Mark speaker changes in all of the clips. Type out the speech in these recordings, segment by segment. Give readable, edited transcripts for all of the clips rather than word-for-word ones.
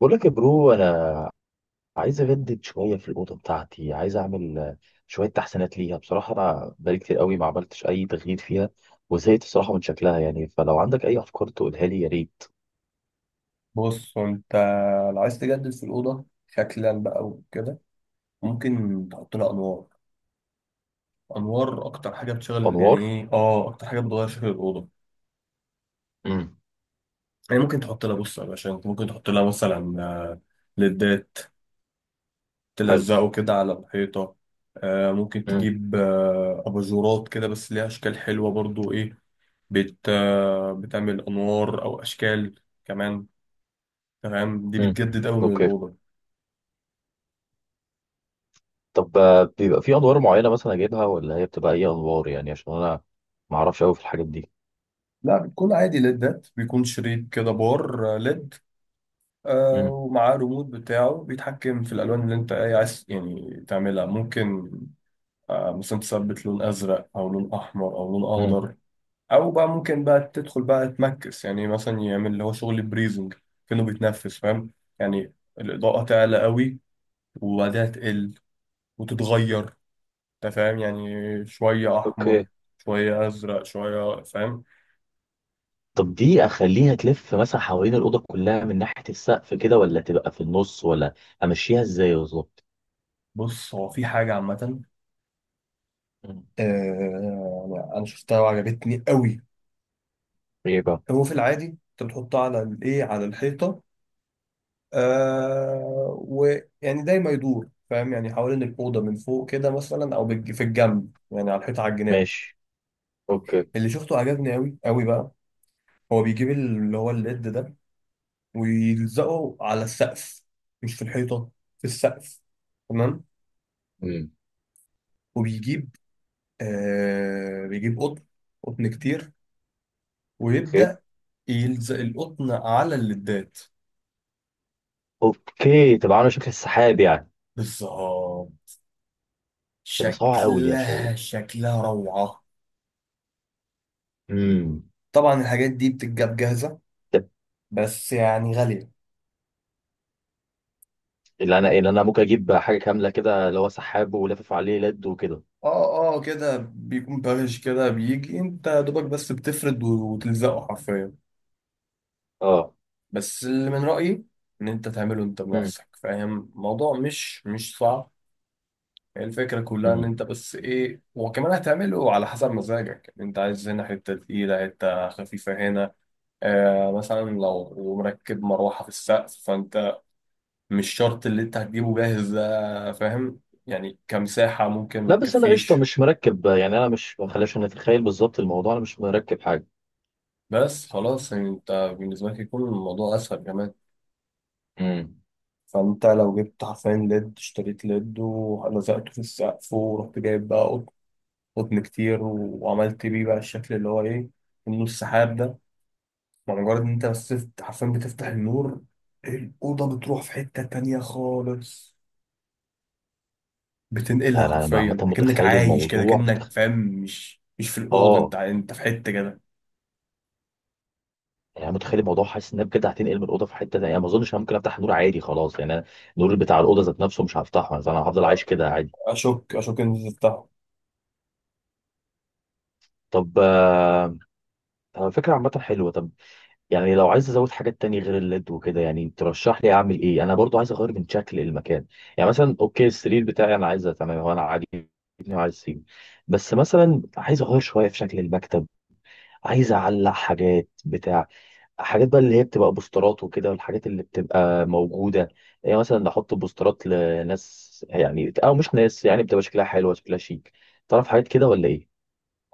Speaker 1: بقول لك يا برو، انا عايز اجدد شويه في الاوضه بتاعتي. عايز اعمل شويه تحسينات ليها. بصراحه انا بقالي كتير قوي ما عملتش اي تغيير فيها، وزهقت بصراحه من شكلها. يعني فلو عندك اي افكار تقولها لي يا ريت.
Speaker 2: بص انت لو عايز تجدد في الأوضة شكلا بقى وكده، ممكن تحط لها أنوار. أنوار أكتر حاجة بتشغل، يعني
Speaker 1: انوار.
Speaker 2: إيه، أكتر حاجة بتغير شكل الأوضة.
Speaker 1: امم.
Speaker 2: يعني ممكن تحط لها بص يا باشا، انت ممكن تحط لها مثلا، ليدات
Speaker 1: حلو.
Speaker 2: تلزقه كده على الحيطة. ممكن
Speaker 1: امم.
Speaker 2: تجيب، أباجورات كده، بس ليها أشكال حلوة برضو. إيه، بت آه، بتعمل أنوار أو أشكال كمان. تمام، دي
Speaker 1: امم.
Speaker 2: بتجدد أوي من
Speaker 1: اوكي.
Speaker 2: الأوضة.
Speaker 1: طب بيبقى في انوار معينه مثلا اجيبها ولا هي بتبقى اي انوار؟ يعني عشان انا ما اعرفش قوي في الحاجات دي.
Speaker 2: لا، بتكون عادي ليدات، بيكون شريط كده، بار ليد،
Speaker 1: امم.
Speaker 2: ومعاه ريموت بتاعه بيتحكم في الألوان اللي أنت إيه عايز يعني تعملها. ممكن مثلا تثبت لون أزرق أو لون أحمر أو لون
Speaker 1: امم.
Speaker 2: أخضر. أو بقى ممكن بقى تدخل بقى تمكس، يعني مثلا يعمل اللي هو شغل بريزنج، كأنه بيتنفس، فاهم يعني؟ الإضاءة تعلى قوي وبعدها تقل وتتغير، أنت فاهم؟ يعني شوية أحمر
Speaker 1: اوكي.
Speaker 2: شوية أزرق شوية، فاهم؟
Speaker 1: طب دي اخليها تلف مثلا حوالين الاوضه كلها من ناحيه السقف كده، ولا تبقى في النص، ولا امشيها ازاي بالظبط؟
Speaker 2: بص، هو في حاجة عامة،
Speaker 1: مم.
Speaker 2: آه، أنا شفتها وعجبتني قوي.
Speaker 1: ايه بقى؟
Speaker 2: هو في العادي انت بتحطها على الايه على الحيطه، ويعني دايما يدور، فاهم يعني؟ حوالين الاوضه من فوق كده مثلا، او في الجنب، يعني على الحيطه، على الجناب.
Speaker 1: ماشي. اوكي.
Speaker 2: اللي شفته عجبني قوي قوي بقى. هو بيجيب اللي هو الليد ده ويلزقه على السقف، مش في الحيطه، في السقف، تمام.
Speaker 1: امم.
Speaker 2: وبيجيب، بيجيب قطن، قطن كتير،
Speaker 1: اوكي.
Speaker 2: ويبدا يلزق القطن على الليدات.
Speaker 1: اوكي، تبقى عامله شكل السحاب يعني.
Speaker 2: بالظبط،
Speaker 1: تبقى صعبه قوي دي يا شوقي.
Speaker 2: شكلها شكلها روعة.
Speaker 1: امم.
Speaker 2: طبعا الحاجات دي بتتجاب جاهزة،
Speaker 1: طب
Speaker 2: بس يعني غالية.
Speaker 1: اللي انا ممكن اجيب حاجه كامله كده، اللي هو سحاب ولافف عليه لد وكده.
Speaker 2: اه اه، كده بيكون بارش، كده بيجي انت يا دوبك بس بتفرد وتلزقه حرفيا.
Speaker 1: اه.
Speaker 2: بس اللي من رأيي ان انت تعمله انت
Speaker 1: مم.
Speaker 2: بنفسك، فاهم؟ الموضوع مش صعب. هي الفكرة كلها ان
Speaker 1: مم.
Speaker 2: انت بس ايه، وكمان هتعمله على حسب مزاجك، انت عايز هنا حتة تقيلة، حتة خفيفة هنا. مثلا لو مركب مروحة في السقف، فانت مش شرط اللي انت هتجيبه جاهز ده، فاهم؟ يعني كمساحة ممكن ما
Speaker 1: لا بس انا قشطه
Speaker 2: تكفيش.
Speaker 1: مش مركب، يعني انا مش، ما خليش نتخيل بالظبط الموضوع، انا مش مركب حاجه.
Speaker 2: بس خلاص، يعني انت بالنسبة لك يكون الموضوع اسهل كمان.
Speaker 1: امم.
Speaker 2: فانت لو جبت حرفيا ليد، اشتريت ليد ولزقته في السقف، ورحت جايب بقى قطن كتير، وعملت بيه بقى الشكل اللي هو ايه، النور السحاب ده. مع مجرد ان انت بس حرفيا بتفتح النور، الأوضة بتروح في حتة تانية خالص، بتنقلها
Speaker 1: انا عامه
Speaker 2: حرفيا، كأنك
Speaker 1: متخيل
Speaker 2: عايش كده،
Speaker 1: الموضوع،
Speaker 2: كأنك، فاهم؟ مش في الأوضة، انت
Speaker 1: اه.
Speaker 2: انت في حتة كده.
Speaker 1: يعني أنا متخيل الموضوع، حاسس ان انا بجد هتنقل من الاوضه في حته تانية. يعني ما اظنش انا ممكن افتح النور عادي خلاص. يعني أنا النور بتاع الاوضه ذات نفسه مش هفتحه، فانا هفضل عايش كده عادي.
Speaker 2: اشك ان انت تفتحه.
Speaker 1: طب طب فكره عامه حلوه. طب يعني لو عايز ازود حاجات تانية غير الليد وكده، يعني ترشح لي اعمل ايه؟ انا برضو عايز اغير من شكل المكان. يعني مثلا اوكي، السرير بتاعي انا عايزه تمام، هو انا عاجبني وعايز اسيبه. بس مثلا عايز اغير شويه في شكل المكتب. عايز اعلق حاجات بتاع، حاجات بقى اللي هي بتبقى بوسترات وكده، والحاجات اللي بتبقى موجودة. يعني مثلا نحط بوسترات لناس، يعني أو مش ناس يعني، بتبقى شكلها حلوة شكلها شيك. تعرف حاجات كده ولا إيه؟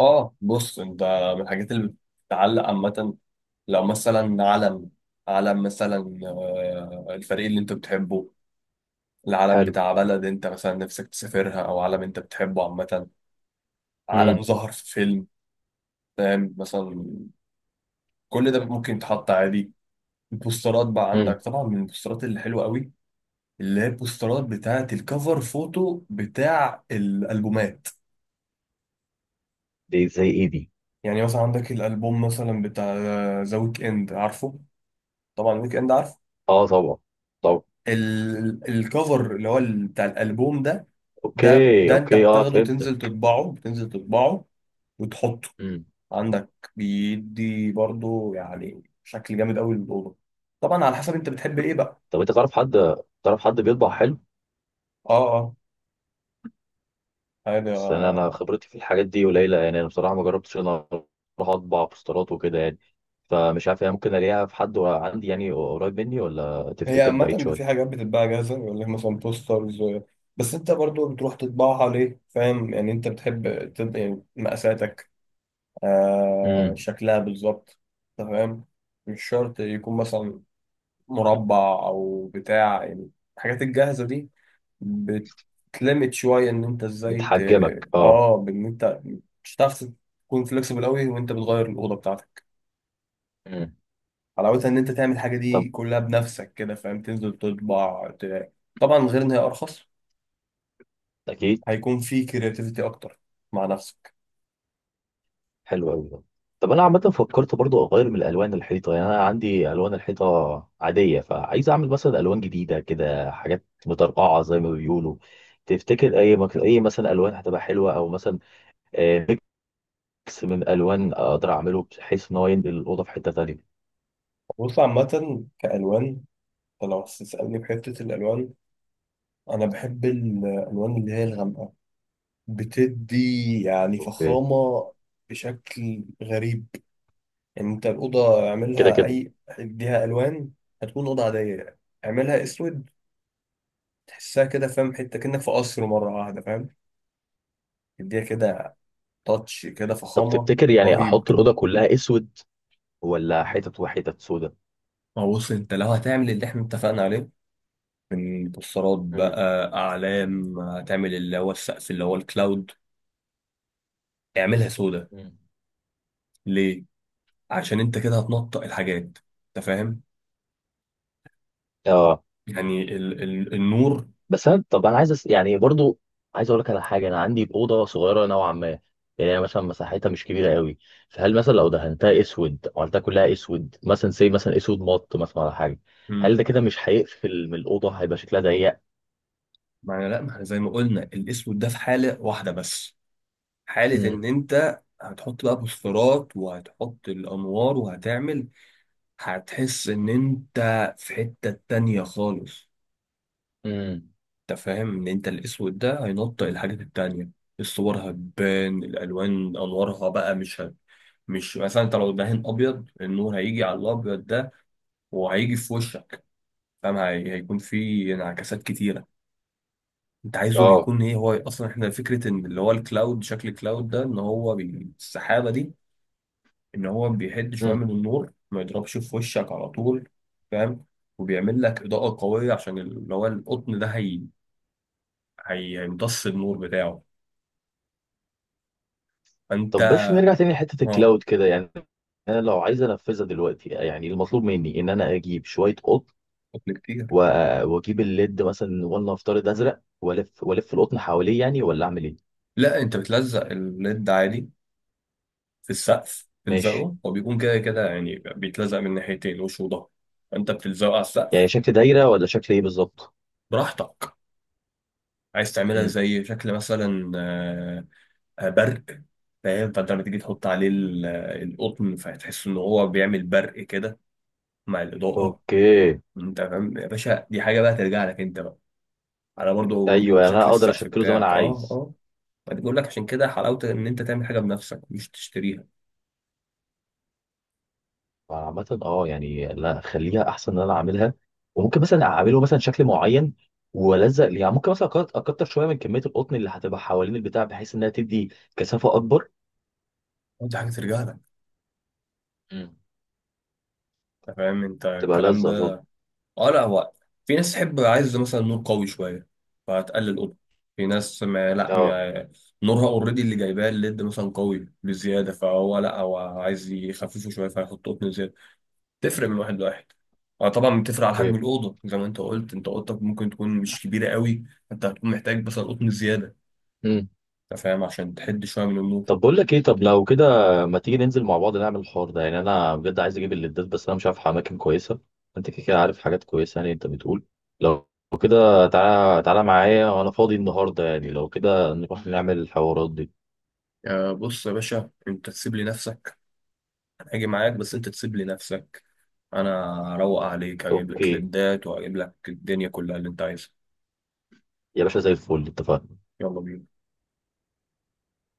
Speaker 2: اه، بص انت، من الحاجات اللي بتتعلق عامه، لو مثلا علم، علم مثلا، الفريق اللي انت بتحبه، العلم
Speaker 1: حلو.
Speaker 2: بتاع بلد انت مثلا نفسك تسافرها، او علم انت بتحبه عامه، علم
Speaker 1: امم.
Speaker 2: ظهر في فيلم، فاهم مثلا؟ كل ده ممكن يتحط عادي. البوسترات بقى
Speaker 1: امم.
Speaker 2: عندك طبعا، من البوسترات اللي حلوه قوي، اللي هي البوسترات بتاعه الكفر فوتو بتاع الالبومات.
Speaker 1: دي زي إيه دي؟
Speaker 2: يعني مثلا عندك الالبوم مثلا بتاع ذا ويك اند، عارفه طبعا؟ ويك اند عارف.
Speaker 1: أه طبعا، طبعا.
Speaker 2: الكفر اللي هو بتاع الالبوم ده، ده
Speaker 1: أوكي،
Speaker 2: ده انت
Speaker 1: أوكي، أه
Speaker 2: بتاخده
Speaker 1: فهمت.
Speaker 2: تنزل تطبعه، بتنزل تطبعه وتحطه
Speaker 1: امم.
Speaker 2: عندك بيدي برضو، يعني شكل جامد قوي للاوضه. طبعا على حسب انت بتحب ايه بقى.
Speaker 1: طب أنت تعرف حد بيطبع حلو؟
Speaker 2: اه اه، عادي. آه.
Speaker 1: بس أنا
Speaker 2: آه.
Speaker 1: خبرتي في الحاجات دي قليلة. يعني أنا بصراحة ما جربتش إن أنا أروح أطبع بوسترات وكده يعني. فمش عارف، يعني ممكن ألاقيها في حد عندي يعني قريب مني، ولا
Speaker 2: هي
Speaker 1: تفتكر بعيد
Speaker 2: عامة
Speaker 1: شوية؟
Speaker 2: في حاجات بتتباع جاهزة، يقول لك مثلا بوسترز، بس انت برضو بتروح تطبعها ليه، فاهم يعني؟ انت بتحب يعني مقاساتك،
Speaker 1: مم.
Speaker 2: شكلها بالظبط، أنت فاهم؟ مش شرط يكون مثلا مربع او بتاع يعني، الحاجات الجاهزه دي بتلمت شويه ان انت ازاي
Speaker 1: بتحجمك اه.
Speaker 2: اه، بان انت مش هتعرف تكون فليكسبل قوي وانت بتغير الاوضه بتاعتك.
Speaker 1: مم.
Speaker 2: حلاوتها ان انت تعمل الحاجه دي
Speaker 1: طب.
Speaker 2: كلها بنفسك كده، فاهم؟ تنزل تطبع طبعا غير ان هي ارخص.
Speaker 1: اكيد.
Speaker 2: هيكون في كرياتيفيتي اكتر مع نفسك.
Speaker 1: حلو قوي ده. طب انا عامه فكرت برضو اغير من الالوان الحيطه. يعني انا عندي الوان الحيطه عاديه، فعايز اعمل مثلا الوان جديده كده، حاجات مترقعه زي ما بيقولوا. تفتكر اي اي مثلا الوان هتبقى حلوه، او مثلا آه، ميكس من الوان اقدر اعمله بحيث ان هو ينقل الاوضه في حته تانيه.
Speaker 2: بص عامه كالوان، أنت لو هتسالني في حته الالوان، انا بحب الالوان اللي هي الغامقه، بتدي يعني
Speaker 1: اوكي.
Speaker 2: فخامة بشكل غريب. يعني انت الأوضة
Speaker 1: كده
Speaker 2: اعملها
Speaker 1: كده.
Speaker 2: أي اديها ألوان، هتكون أوضة عادية. اعملها أسود، تحسها كده، فاهم؟ حتة كأنك في قصر مرة واحدة، فاهم؟ اديها كده تاتش كده،
Speaker 1: طب
Speaker 2: فخامة
Speaker 1: تفتكر يعني
Speaker 2: رهيب.
Speaker 1: احط الاوضه كلها اسود، ولا حتت وحتت سودا؟
Speaker 2: ما هو بص انت لو هتعمل اللي احنا اتفقنا عليه، من بوسترات
Speaker 1: مم.
Speaker 2: بقى، أعلام، هتعمل اللي هو السقف اللي هو الكلاود، اعملها سودا.
Speaker 1: مم.
Speaker 2: ليه؟ عشان انت كده هتنطق الحاجات، انت فاهم؟
Speaker 1: اه.
Speaker 2: يعني ال النور.
Speaker 1: بس انا طب انا عايز يعني برضو عايز اقول لك على حاجه، انا عندي اوضه صغيره نوعا ما. يعني هي مثلا مساحتها مش كبيره قوي. فهل مثلا لو دهنتها اسود، عملتها كلها اسود مثلا، زي مثلا اسود مط مثلا على حاجه، هل ده كده مش هيقفل من الاوضه هيبقى شكلها ضيق؟
Speaker 2: ما انا، لا، ما احنا زي ما قلنا الاسود ده في حالة واحدة بس، حالة
Speaker 1: امم.
Speaker 2: ان انت هتحط بقى بوسترات وهتحط الانوار وهتعمل، هتحس ان انت في حتة تانية خالص.
Speaker 1: امم.
Speaker 2: انت فاهم ان انت الاسود ده هينطق الحاجات التانية، الصور هتبان، الالوان، انوارها بقى مش مش مثلا، انت لو دهن ابيض، النور هيجي على الابيض ده وهيجي في وشك، فاهم؟ هيكون في انعكاسات كتيرة. انت عايزه
Speaker 1: اه.
Speaker 2: بيكون ايه؟ هو اصلا احنا فكره ان اللي هو الكلاود، شكل الكلاود ده، ان هو السحابه دي، ان هو بيحد شويه
Speaker 1: مم.
Speaker 2: من النور، ما يضربش في وشك على طول، فاهم؟ وبيعمل لك اضاءه قويه، عشان اللي هو القطن ده هيمتص النور بتاعه، فانت.
Speaker 1: طب باش نرجع تاني لحته
Speaker 2: اه،
Speaker 1: الكلاود كده يعني. انا لو عايز انفذها دلوقتي، يعني المطلوب مني ان انا اجيب شويه قطن،
Speaker 2: قطن كتير.
Speaker 1: واجيب الليد مثلا ولنفترض ازرق، والف والف القطن حواليه يعني، ولا اعمل ايه؟
Speaker 2: لا، انت بتلزق الليد عادي في السقف،
Speaker 1: ماشي.
Speaker 2: بتلزقه، هو بيكون كده كده يعني، بيتلزق من ناحيتين، وش وظهر. فانت بتلزقه على السقف،
Speaker 1: يعني شكل دايرة ولا شكل ايه بالظبط؟
Speaker 2: براحتك. عايز تعملها
Speaker 1: امم.
Speaker 2: زي شكل مثلا، برق، فاهم؟ فانت لما تيجي تحط عليه القطن، فهتحس ان هو بيعمل برق كده مع الاضاءه.
Speaker 1: اوكي.
Speaker 2: انت فاهم يا باشا؟ دي حاجه بقى ترجع لك انت بقى، على برضه برضه
Speaker 1: ايوه يعني انا
Speaker 2: شكل
Speaker 1: اقدر
Speaker 2: السقف
Speaker 1: اشكله زي ما انا
Speaker 2: بتاعك. اه
Speaker 1: عايز.
Speaker 2: اه، فدي بقول لك عشان كده حلاوه ان انت تعمل حاجه بنفسك مش تشتريها.
Speaker 1: عامة اه، يعني لا، خليها احسن ان انا اعملها. وممكن مثلا اعمله مثلا شكل معين والزق ليه. يعني ممكن مثلا اكتر شويه من كميه القطن اللي هتبقى حوالين البتاع، بحيث انها تدي كثافه اكبر.
Speaker 2: دي حاجه ترجع لك،
Speaker 1: امم.
Speaker 2: انت فاهم انت
Speaker 1: تبقى
Speaker 2: الكلام
Speaker 1: لذة
Speaker 2: ده؟
Speaker 1: اظن.
Speaker 2: اه، لا، هو في ناس تحب، عايز مثلا نور قوي شويه، فهتقلل اوضه. في ناس ما لا،
Speaker 1: اه.
Speaker 2: ما نورها اوريدي اللي جايباه الليد مثلا قوي بزياده، فهو لا هو عايز يخففه شويه، فيحط قطن زياده. تفرق من واحد لواحد. اه طبعا، بتفرق على حجم
Speaker 1: اوكي.
Speaker 2: الاوضه زي ما انت قلت، انت اوضتك ممكن تكون مش كبيره قوي، انت هتكون محتاج مثلا قطن زياده، انت فاهم، عشان تحد شويه من النور.
Speaker 1: طب بقول لك ايه، طب لو كده ما تيجي ننزل مع بعض نعمل الحوار ده؟ يعني انا بجد عايز اجيب الليدات بس انا مش عارف اماكن كويسه. انت كده كده عارف حاجات كويسه. يعني انت بتقول، لو كده تعالى، تعالى معايا وانا فاضي النهارده. يعني لو كده نروح نعمل الحوارات دي.
Speaker 2: بص يا باشا، انت تسيب لي نفسك، انا هاجي معاك، بس انت تسيب لي نفسك. انا اروق عليك، اجيب لك
Speaker 1: اوكي
Speaker 2: ليدات، واجيب لك الدنيا كلها اللي انت عايزها.
Speaker 1: يا باشا، زي الفل، اتفقنا.
Speaker 2: يلا بينا.